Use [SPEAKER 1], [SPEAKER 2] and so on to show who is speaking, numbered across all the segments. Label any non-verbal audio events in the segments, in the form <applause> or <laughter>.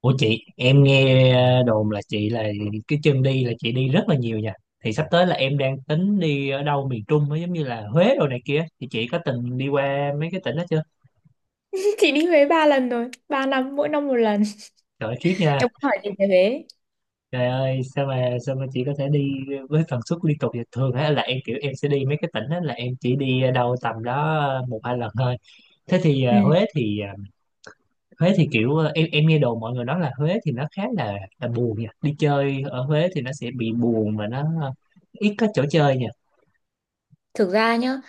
[SPEAKER 1] Ủa chị, em nghe đồn là chị là cái chân đi, là chị đi rất là nhiều nha. Thì sắp tới là em đang tính đi ở đâu miền Trung á, giống như là Huế đồ này kia. Thì chị có từng đi qua mấy cái tỉnh đó chưa?
[SPEAKER 2] Chị đi Huế 3 lần rồi, 3 năm mỗi năm 1 lần.
[SPEAKER 1] Trời ơi, khiếp nha.
[SPEAKER 2] Em muốn hỏi chị về Huế?
[SPEAKER 1] Trời ơi, sao mà chị có thể đi với tần suất liên tục vậy? Thường á là em kiểu em sẽ đi mấy cái tỉnh á là em chỉ đi đâu tầm đó một hai lần thôi. Thế thì
[SPEAKER 2] Ừ.
[SPEAKER 1] Huế thì Huế thì kiểu em nghe đồn mọi người nói là Huế thì nó khá là buồn nha. Đi chơi ở Huế thì nó sẽ bị buồn và nó ít có chỗ chơi nha.
[SPEAKER 2] Thực ra nhá,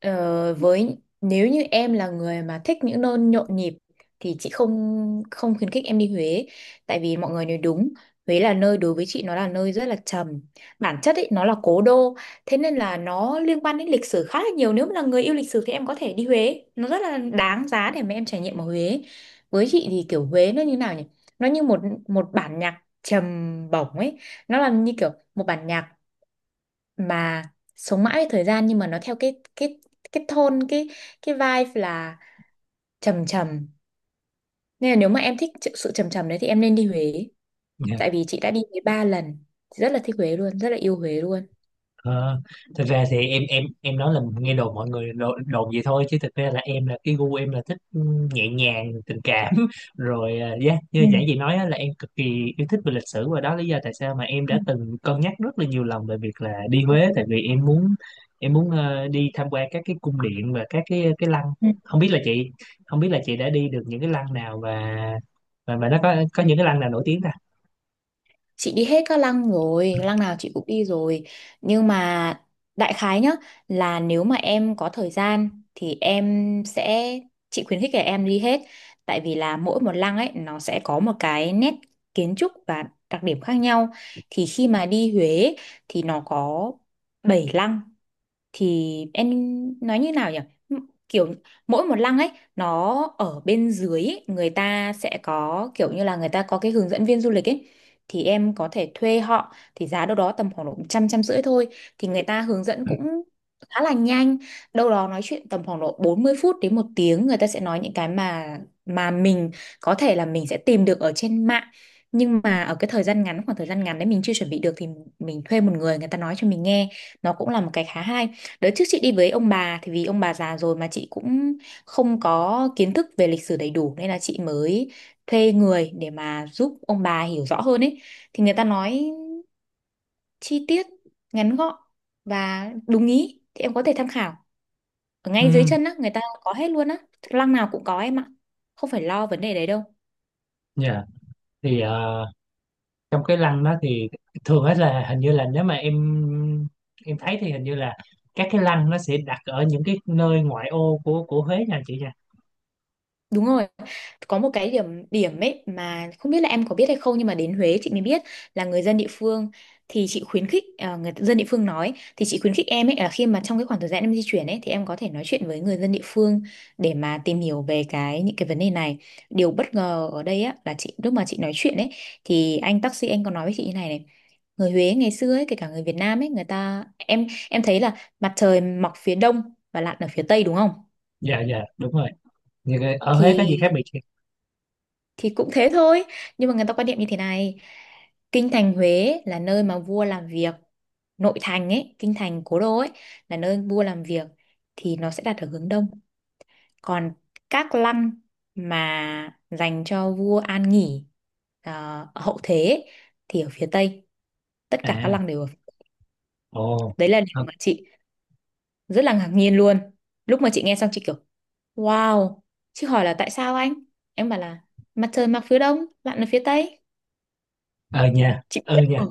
[SPEAKER 2] với nếu như em là người mà thích những nơi nhộn nhịp thì chị không không khuyến khích em đi Huế, tại vì mọi người nói đúng. Huế là nơi đối với chị, nó là nơi rất là trầm. Bản chất ấy nó là cố đô, thế nên là nó liên quan đến lịch sử khá là nhiều. Nếu mà là người yêu lịch sử thì em có thể đi Huế, nó rất là đáng giá để mà em trải nghiệm ở Huế. Với chị thì kiểu Huế nó như nào nhỉ? Nó như một một bản nhạc trầm bổng ấy, nó là như kiểu một bản nhạc mà sống mãi với thời gian, nhưng mà nó theo cái tone, cái vibe là trầm trầm. Nên là nếu mà em thích sự sự trầm trầm đấy thì em nên đi Huế,
[SPEAKER 1] Dạ.
[SPEAKER 2] tại vì chị đã đi Huế ba lần. Chị rất là thích Huế luôn, rất là yêu Huế luôn.
[SPEAKER 1] Ờ, thật ra thì em nói là nghe đồn, mọi người đồn vậy thôi, chứ thực ra là em, là cái gu em là thích nhẹ nhàng tình cảm <laughs> rồi dạ,
[SPEAKER 2] Ừ.
[SPEAKER 1] như giản dị nói á, là em cực kỳ yêu thích về lịch sử, và đó là lý do tại sao mà em
[SPEAKER 2] Ừ.
[SPEAKER 1] đã từng cân nhắc rất là nhiều lần về việc là đi
[SPEAKER 2] Ừ.
[SPEAKER 1] Huế, tại vì em muốn đi tham quan các cái cung điện và các cái lăng. Không biết là chị không biết là chị đã đi được những cái lăng nào, và nó có những cái lăng nào nổi tiếng ta?
[SPEAKER 2] Chị đi hết các lăng rồi, lăng nào chị cũng đi rồi, nhưng mà đại khái nhá, là nếu mà em có thời gian thì em sẽ, chị khuyến khích là em đi hết, tại vì là mỗi một lăng ấy nó sẽ có một cái nét kiến trúc và đặc điểm khác nhau. Thì khi mà đi Huế thì nó có 7 lăng. Thì em nói như nào nhỉ? Kiểu mỗi một lăng ấy, nó ở bên dưới ấy, người ta sẽ có kiểu như là người ta có cái hướng dẫn viên du lịch ấy, thì em có thể thuê họ, thì giá đâu đó tầm khoảng độ trăm, trăm rưỡi thôi. Thì người ta hướng dẫn cũng khá là nhanh, đâu đó nói chuyện tầm khoảng độ 40 phút đến 1 tiếng. Người ta sẽ nói những cái mà mình có thể là mình sẽ tìm được ở trên mạng, nhưng mà ở cái thời gian ngắn, khoảng thời gian ngắn đấy mình chưa chuẩn bị được, thì mình thuê một người, người ta nói cho mình nghe, nó cũng là một cái khá hay. Đợt trước chị đi với ông bà, thì vì ông bà già rồi, mà chị cũng không có kiến thức về lịch sử đầy đủ, nên là chị mới thuê người để mà giúp ông bà hiểu rõ hơn ấy. Thì người ta nói chi tiết, ngắn gọn và đúng ý, thì em có thể tham khảo. Ở ngay dưới
[SPEAKER 1] Ừ,
[SPEAKER 2] chân á, người ta có hết luôn á. Lăng nào cũng có em ạ. Không phải lo vấn đề đấy đâu.
[SPEAKER 1] dạ. Thì trong cái lăng đó thì thường hết là hình như là nếu mà em thấy thì hình như là các cái lăng nó sẽ đặt ở những cái nơi ngoại ô của Huế nha chị nha.
[SPEAKER 2] Đúng rồi. Có một cái điểm điểm ấy mà không biết là em có biết hay không, nhưng mà đến Huế chị mới biết là người dân địa phương, thì chị khuyến khích à, người dân địa phương nói thì chị khuyến khích em ấy, là khi mà trong cái khoảng thời gian em di chuyển ấy thì em có thể nói chuyện với người dân địa phương để mà tìm hiểu về cái những cái vấn đề này. Điều bất ngờ ở đây á, là chị lúc mà chị nói chuyện ấy, thì anh taxi, anh có nói với chị như này này: người Huế ngày xưa ấy, kể cả người Việt Nam ấy, người ta, em thấy là mặt trời mọc phía đông và lặn ở phía tây đúng không?
[SPEAKER 1] Dạ dạ, đúng rồi. Ở Huế có gì khác
[SPEAKER 2] thì
[SPEAKER 1] biệt chị?
[SPEAKER 2] thì cũng thế thôi, nhưng mà người ta quan niệm như thế này: kinh thành Huế là nơi mà vua làm việc, nội thành ấy, kinh thành cố đô ấy, là nơi vua làm việc thì nó sẽ đặt ở hướng đông. Còn các lăng mà dành cho vua an nghỉ, ờ, ở hậu thế ấy, thì ở phía tây. Tất cả các
[SPEAKER 1] À,
[SPEAKER 2] lăng đều ở
[SPEAKER 1] ồ,
[SPEAKER 2] đấy. Là điều mà chị rất là ngạc nhiên luôn, lúc mà chị nghe xong chị kiểu wow. Chị hỏi là tại sao anh, em bảo là mặt trời mọc phía đông, bạn ở phía tây.
[SPEAKER 1] ờ nha,
[SPEAKER 2] Chị
[SPEAKER 1] ừ
[SPEAKER 2] biết.
[SPEAKER 1] nha,
[SPEAKER 2] Ừ.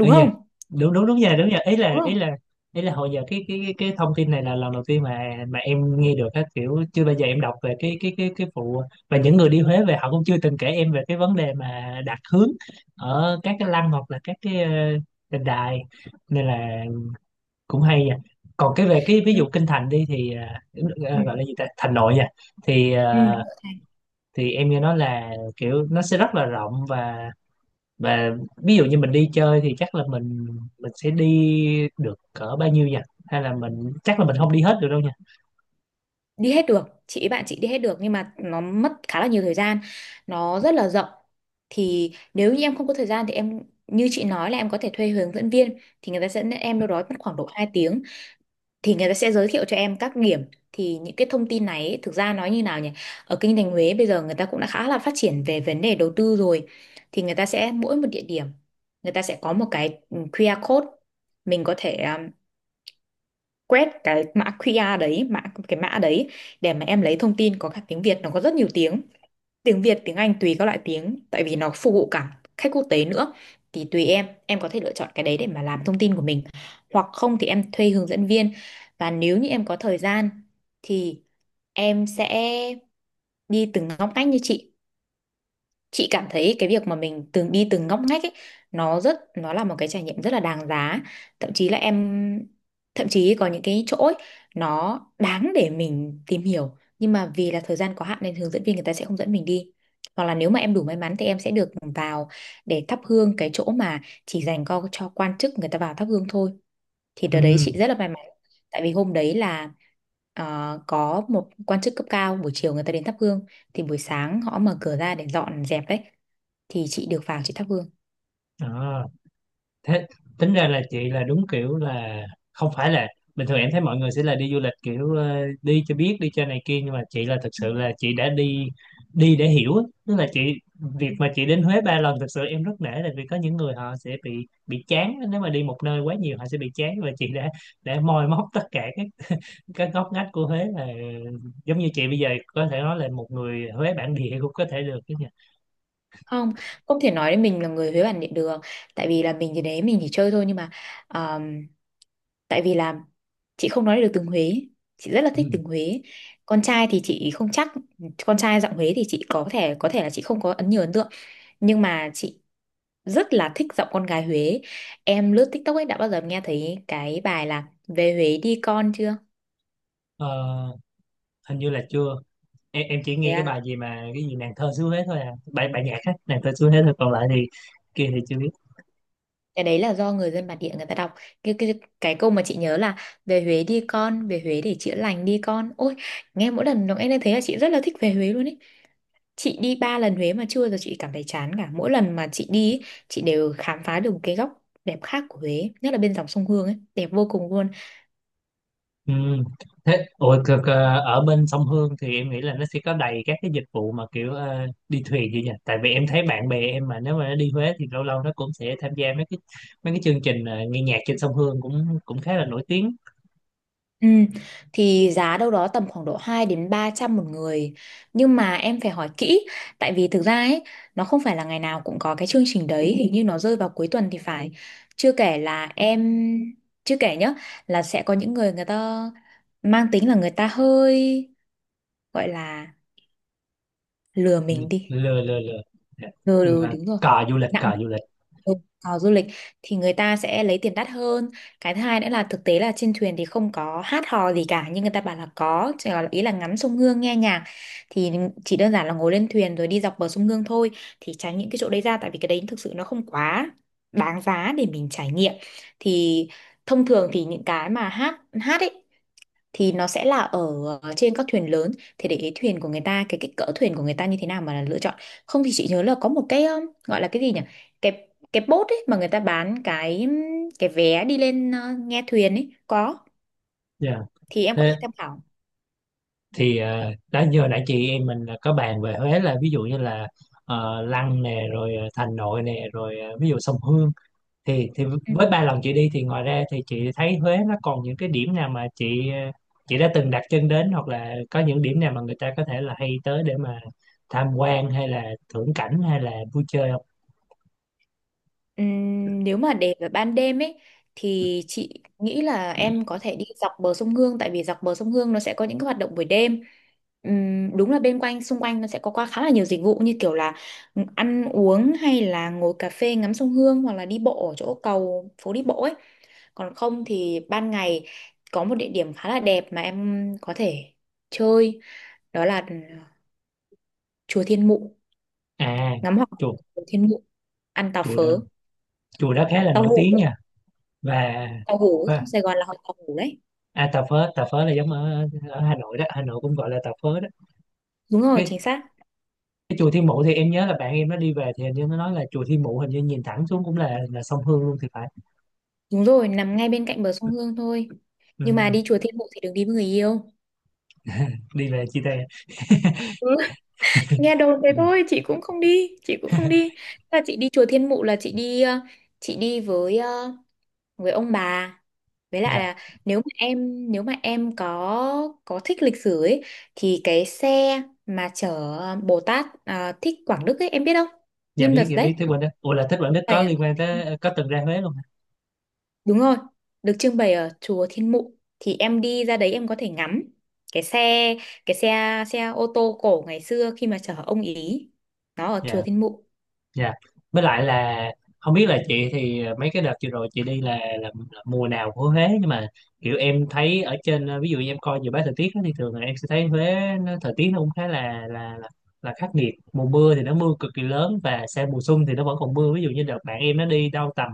[SPEAKER 1] ừ dạ,
[SPEAKER 2] không?
[SPEAKER 1] đúng đúng đúng nha, đúng nha, ý
[SPEAKER 2] Đúng
[SPEAKER 1] là
[SPEAKER 2] không?
[SPEAKER 1] ý là ý là hồi giờ cái thông tin này là lần đầu tiên mà em nghe được á, kiểu chưa bao giờ em đọc về cái vụ, và những người đi Huế về họ cũng chưa từng kể em về cái vấn đề mà đặt hướng ở các cái lăng hoặc là các cái đền đài, nên là cũng hay nha. Còn cái về cái ví
[SPEAKER 2] Ừ.
[SPEAKER 1] dụ kinh thành đi thì ờ,
[SPEAKER 2] Ừ.
[SPEAKER 1] gọi là gì ta, thành nội nha, thì
[SPEAKER 2] Ừ. Đổi thành.
[SPEAKER 1] thì em nghe nói là kiểu nó sẽ rất là rộng, và và ví dụ như mình đi chơi thì chắc là mình sẽ đi được cỡ bao nhiêu nhỉ, hay là mình chắc là mình không đi hết được đâu nha.
[SPEAKER 2] Đi hết được. Chị bạn chị đi hết được, nhưng mà nó mất khá là nhiều thời gian, nó rất là rộng. Thì nếu như em không có thời gian thì em, như chị nói, là em có thể thuê hướng dẫn viên, thì người ta sẽ dẫn em đâu đó mất khoảng độ 2 tiếng. Thì người ta sẽ giới thiệu cho em các điểm. Thì những cái thông tin này ấy, thực ra nói như nào nhỉ, ở kinh thành Huế bây giờ người ta cũng đã khá là phát triển về vấn đề đầu tư rồi. Thì người ta sẽ, mỗi một địa điểm, người ta sẽ có một cái QR code, mình có thể quét cái mã QR đấy, cái mã đấy, để mà em lấy thông tin, có cả tiếng Việt. Nó có rất nhiều tiếng: tiếng Việt, tiếng Anh, tùy các loại tiếng, tại vì nó phục vụ cả khách quốc tế nữa. Thì tùy em có thể lựa chọn cái đấy để mà làm thông tin của mình. Hoặc không thì em thuê hướng dẫn viên. Và nếu như em có thời gian thì em sẽ đi từng ngóc ngách như chị. Chị cảm thấy cái việc mà mình từng đi từng ngóc ngách ấy, nó rất, nó là một cái trải nghiệm rất là đáng giá. Thậm chí là em, thậm chí có những cái chỗ ấy, nó đáng để mình tìm hiểu, nhưng mà vì là thời gian có hạn nên hướng dẫn viên người ta sẽ không dẫn mình đi. Hoặc là nếu mà em đủ may mắn thì em sẽ được vào để thắp hương cái chỗ mà chỉ dành cho quan chức, người ta vào thắp hương thôi. Thì đợt đấy chị
[SPEAKER 1] Ừ.
[SPEAKER 2] rất là may mắn, tại vì hôm đấy là, có một quan chức cấp cao buổi chiều người ta đến thắp hương, thì buổi sáng họ mở cửa ra để dọn dẹp đấy, thì chị được vào, chị thắp hương.
[SPEAKER 1] À, thế tính ra là chị là đúng kiểu là không phải là bình thường em thấy mọi người sẽ là đi du lịch kiểu đi cho biết, đi cho này kia, nhưng mà chị là thực sự là chị đã đi, đi để hiểu á. Tức là chị, việc mà chị đến Huế 3 lần, thực sự em rất nể là vì có những người họ sẽ bị chán nếu mà đi một nơi quá nhiều, họ sẽ bị chán, và chị đã để moi móc tất cả các cái góc ngách của Huế, là giống như chị bây giờ có thể nói là một người Huế bản địa cũng có thể được chứ nhỉ?
[SPEAKER 2] Không, không thể nói đến mình là người Huế bản địa được, tại vì là mình thì đấy mình chỉ chơi thôi. Nhưng mà um, tại vì là chị không nói được tiếng Huế. Chị rất là
[SPEAKER 1] Ừ.
[SPEAKER 2] thích tiếng Huế. Con trai thì chị không chắc, con trai giọng Huế thì chị có thể là chị không có nhiều ấn tượng. Nhưng mà chị rất là thích giọng con gái Huế. Em lướt TikTok ấy, đã bao giờ em nghe thấy cái bài là Về Huế Đi Con chưa?
[SPEAKER 1] Ờ, hình như là chưa. Em chỉ nghe cái
[SPEAKER 2] Thế
[SPEAKER 1] bài gì mà cái gì nàng thơ xứ Huế thôi, à, bài bài nhạc á, nàng thơ xứ Huế thôi, còn lại thì kia thì chưa biết.
[SPEAKER 2] cái đấy là do người dân bản địa người ta đọc, cái cái cái câu mà chị nhớ là: về Huế đi con, về Huế để chữa lành đi con ôi. Nghe mỗi lần nó nghe lên thế là chị rất là thích về Huế luôn ấy. Chị đi ba lần Huế mà chưa giờ chị cảm thấy chán cả. Mỗi lần mà chị đi ý, chị đều khám phá được một cái góc đẹp khác của Huế, nhất là bên dòng sông Hương ấy, đẹp vô cùng luôn.
[SPEAKER 1] Ừ. Thế, ủa, ở bên sông Hương thì em nghĩ là nó sẽ có đầy các cái dịch vụ mà kiểu đi thuyền gì nhỉ, tại vì em thấy bạn bè em mà nếu mà nó đi Huế thì lâu lâu nó cũng sẽ tham gia mấy cái chương trình nghe nhạc trên sông Hương cũng cũng khá là nổi tiếng.
[SPEAKER 2] Ừ, thì giá đâu đó tầm khoảng độ 2 đến 300 một người, nhưng mà em phải hỏi kỹ, tại vì thực ra ấy, nó không phải là ngày nào cũng có cái chương trình đấy, hình như nó rơi vào cuối tuần thì phải. Chưa kể là em, chưa kể nhá, là sẽ có những người, người ta mang tính là người ta hơi, gọi là, lừa mình đi.
[SPEAKER 1] Lừa lừa lừa. Dạ.
[SPEAKER 2] Ừ, ừ,
[SPEAKER 1] Là
[SPEAKER 2] đúng rồi.
[SPEAKER 1] cò du lịch,
[SPEAKER 2] Nặng.
[SPEAKER 1] cò du lịch.
[SPEAKER 2] Ừ, tàu du lịch thì người ta sẽ lấy tiền đắt hơn. Cái thứ hai nữa là thực tế là trên thuyền thì không có hát hò gì cả, nhưng người ta bảo là có, chỉ là ý là ngắm sông Hương nghe nhạc. Thì chỉ đơn giản là ngồi lên thuyền rồi đi dọc bờ sông Hương thôi. Thì tránh những cái chỗ đấy ra, tại vì cái đấy thực sự nó không quá đáng giá để mình trải nghiệm. Thì thông thường thì những cái mà hát hát ấy thì nó sẽ là ở, trên các thuyền lớn. Thì để ý thuyền của người ta, cái kích cỡ thuyền của người ta như thế nào mà là lựa chọn. Không thì chị nhớ là có một cái, gọi là cái gì nhỉ, cái bốt ấy mà người ta bán cái vé đi lên, nghe thuyền ấy có.
[SPEAKER 1] Dạ.
[SPEAKER 2] Thì em có
[SPEAKER 1] Thế
[SPEAKER 2] thể tham khảo.
[SPEAKER 1] thì đó, như hồi nãy chị em mình có bàn về Huế là ví dụ như là Lăng nè, rồi Thành Nội nè, rồi ví dụ sông Hương, thì
[SPEAKER 2] Ừ.
[SPEAKER 1] với 3 lần chị đi thì ngoài ra thì chị thấy Huế nó còn những cái điểm nào mà chị chị đã từng đặt chân đến, hoặc là có những điểm nào mà người ta có thể là hay tới để mà tham quan hay là thưởng cảnh hay là vui chơi không?
[SPEAKER 2] Nếu mà để vào ban đêm ấy thì chị nghĩ là em có thể đi dọc bờ sông Hương, tại vì dọc bờ sông Hương nó sẽ có những cái hoạt động buổi đêm. Đúng là bên, quanh xung quanh nó sẽ có qua khá là nhiều dịch vụ như kiểu là ăn uống hay là ngồi cà phê ngắm sông Hương, hoặc là đi bộ ở chỗ cầu phố đi bộ ấy. Còn không thì ban ngày có một địa điểm khá là đẹp mà em có thể chơi, đó là chùa Thiên Mụ.
[SPEAKER 1] À,
[SPEAKER 2] Ngắm hoàng hôn
[SPEAKER 1] chùa
[SPEAKER 2] của Thiên Mụ, ăn tàu
[SPEAKER 1] chùa đó
[SPEAKER 2] phớ,
[SPEAKER 1] chùa đó khá là
[SPEAKER 2] tàu
[SPEAKER 1] nổi
[SPEAKER 2] hũ.
[SPEAKER 1] tiếng nha. Và,
[SPEAKER 2] Tàu hủ sông Sài Gòn là họ tàu hủ đấy.
[SPEAKER 1] à, tà phớ là giống ở, Hà Nội đó, Hà Nội cũng gọi là tà phớ đó.
[SPEAKER 2] Đúng rồi,
[SPEAKER 1] cái,
[SPEAKER 2] chính xác.
[SPEAKER 1] cái chùa Thiên Mụ thì em nhớ là bạn em nó đi về thì hình như nó nói là chùa Thiên Mụ hình như nhìn thẳng xuống cũng là sông Hương luôn thì phải.
[SPEAKER 2] Đúng rồi, nằm ngay bên cạnh bờ sông Hương thôi.
[SPEAKER 1] Ừ,
[SPEAKER 2] Nhưng mà
[SPEAKER 1] ừ,
[SPEAKER 2] đi chùa Thiên Mụ thì đừng đi với người yêu.
[SPEAKER 1] đi về chia tay.
[SPEAKER 2] Ừ, nghe đồn thế
[SPEAKER 1] Ừ.
[SPEAKER 2] thôi, chị cũng không đi, chị cũng không đi. Là chị đi chùa Thiên Mụ là chị đi, chị đi với, với ông bà. Với lại
[SPEAKER 1] Dạ,
[SPEAKER 2] là, nếu mà em, có thích lịch sử ấy, thì cái xe mà chở Bồ Tát à, Thích Quảng Đức ấy, em biết không?
[SPEAKER 1] dạ
[SPEAKER 2] Nhân vật
[SPEAKER 1] biết, dạ
[SPEAKER 2] đấy,
[SPEAKER 1] biết. Thế Quỳnh đó, ủa, là Thế Quỳnh Đức có
[SPEAKER 2] phải.
[SPEAKER 1] liên quan tới, có từng ra Huế luôn hả?
[SPEAKER 2] Đúng rồi, được trưng bày ở chùa Thiên Mụ, thì em đi ra đấy em có thể ngắm cái xe, cái xe, xe ô tô cổ ngày xưa khi mà chở ông ý. Nó ở chùa
[SPEAKER 1] Dạ.
[SPEAKER 2] Thiên Mụ.
[SPEAKER 1] Dạ. Với lại là không biết là chị thì mấy cái đợt vừa rồi chị đi là, mùa nào của Huế, nhưng mà kiểu em thấy ở trên ví dụ như em coi dự báo thời tiết á, thì thường là em sẽ thấy Huế nó, thời tiết nó cũng khá là là khắc nghiệt. Mùa mưa thì nó mưa cực kỳ lớn, và sang mùa xuân thì nó vẫn còn mưa, ví dụ như đợt bạn em nó đi đâu tầm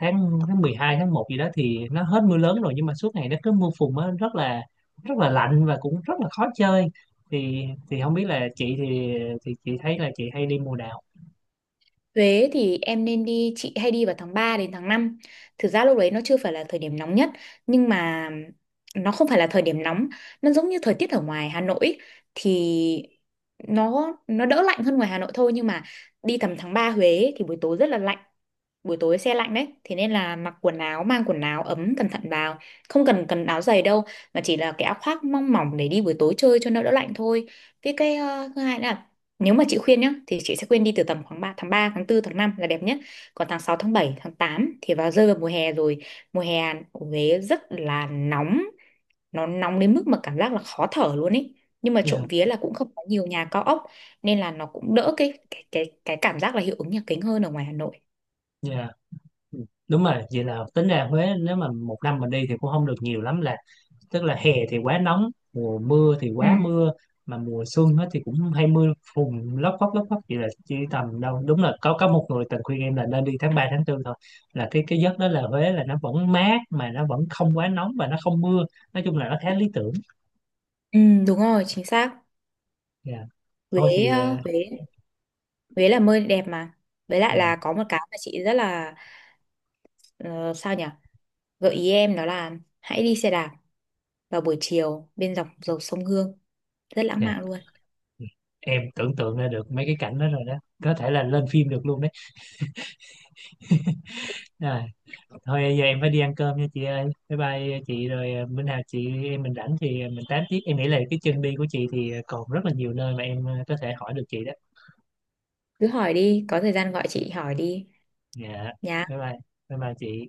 [SPEAKER 1] tháng tháng 12 tháng 1 gì đó thì nó hết mưa lớn rồi, nhưng mà suốt ngày nó cứ mưa phùn á, rất là lạnh và cũng rất là khó chơi, thì thì không biết là chị thì chị thấy là chị hay đi mùa nào?
[SPEAKER 2] Huế thì em nên đi, chị hay đi vào tháng 3 đến tháng 5. Thực ra lúc đấy nó chưa phải là thời điểm nóng nhất, nhưng mà nó không phải là thời điểm nóng, nó giống như thời tiết ở ngoài Hà Nội ý. Thì nó đỡ lạnh hơn ngoài Hà Nội thôi, nhưng mà đi tầm tháng 3 Huế thì buổi tối rất là lạnh. Buổi tối xe lạnh đấy, thế nên là mặc quần áo, mang quần áo ấm cẩn thận vào, không cần cần áo dày đâu, mà chỉ là cái áo khoác mong mỏng để đi buổi tối chơi cho nó đỡ lạnh thôi. Với cái thứ hai nữa là, nếu mà chị khuyên nhá, thì chị sẽ khuyên đi từ tầm khoảng tháng 3, tháng 4, tháng 5 là đẹp nhất. Còn tháng 6, tháng 7, tháng 8 thì vào giờ mùa hè rồi. Mùa hè ở Huế rất là nóng, nó nóng đến mức mà cảm giác là khó thở luôn ấy. Nhưng mà trộm
[SPEAKER 1] Dạ.
[SPEAKER 2] vía là cũng không có nhiều nhà cao ốc, nên là nó cũng đỡ cái cảm giác là hiệu ứng nhà kính hơn ở ngoài Hà Nội.
[SPEAKER 1] Dạ. Ừ, đúng rồi, vậy là tính ra Huế nếu mà một năm mình đi thì cũng không được nhiều lắm, là tức là hè thì quá nóng, mùa mưa thì
[SPEAKER 2] Ừ.
[SPEAKER 1] quá mưa, mà mùa xuân hết thì cũng hay mưa phùn lóc phóc lóc phóc, vậy là chỉ tầm đâu đúng là có một người tình khuyên em là nên đi tháng 3 tháng 4 thôi, là cái giấc đó là Huế là nó vẫn mát mà nó vẫn không quá nóng và nó không mưa, nói chung là nó khá lý tưởng.
[SPEAKER 2] Ừ, đúng rồi, chính xác.
[SPEAKER 1] Dạ. Thôi
[SPEAKER 2] Huế,
[SPEAKER 1] thì
[SPEAKER 2] ờ, Huế, Huế là nơi đẹp mà. Với lại
[SPEAKER 1] dạ.
[SPEAKER 2] là có một cái mà chị rất là, ờ, sao nhỉ? Gợi ý em đó là hãy đi xe đạp vào buổi chiều bên dọc dòng sông Hương, rất lãng
[SPEAKER 1] Dạ.
[SPEAKER 2] mạn luôn.
[SPEAKER 1] Dạ. Em tưởng tượng ra được mấy cái cảnh đó rồi đó, có thể là lên phim được luôn đấy. À, thôi giờ em phải đi ăn cơm nha chị ơi, bye bye. Chị rồi, bữa nào chị em mình rảnh thì mình tám tiếp. Em nghĩ là cái chân đi của chị thì còn rất là nhiều nơi mà em có thể hỏi được chị đó.
[SPEAKER 2] Cứ hỏi đi, có thời gian gọi chị hỏi đi.
[SPEAKER 1] Dạ,
[SPEAKER 2] Nhà
[SPEAKER 1] bye bye, bye bye chị.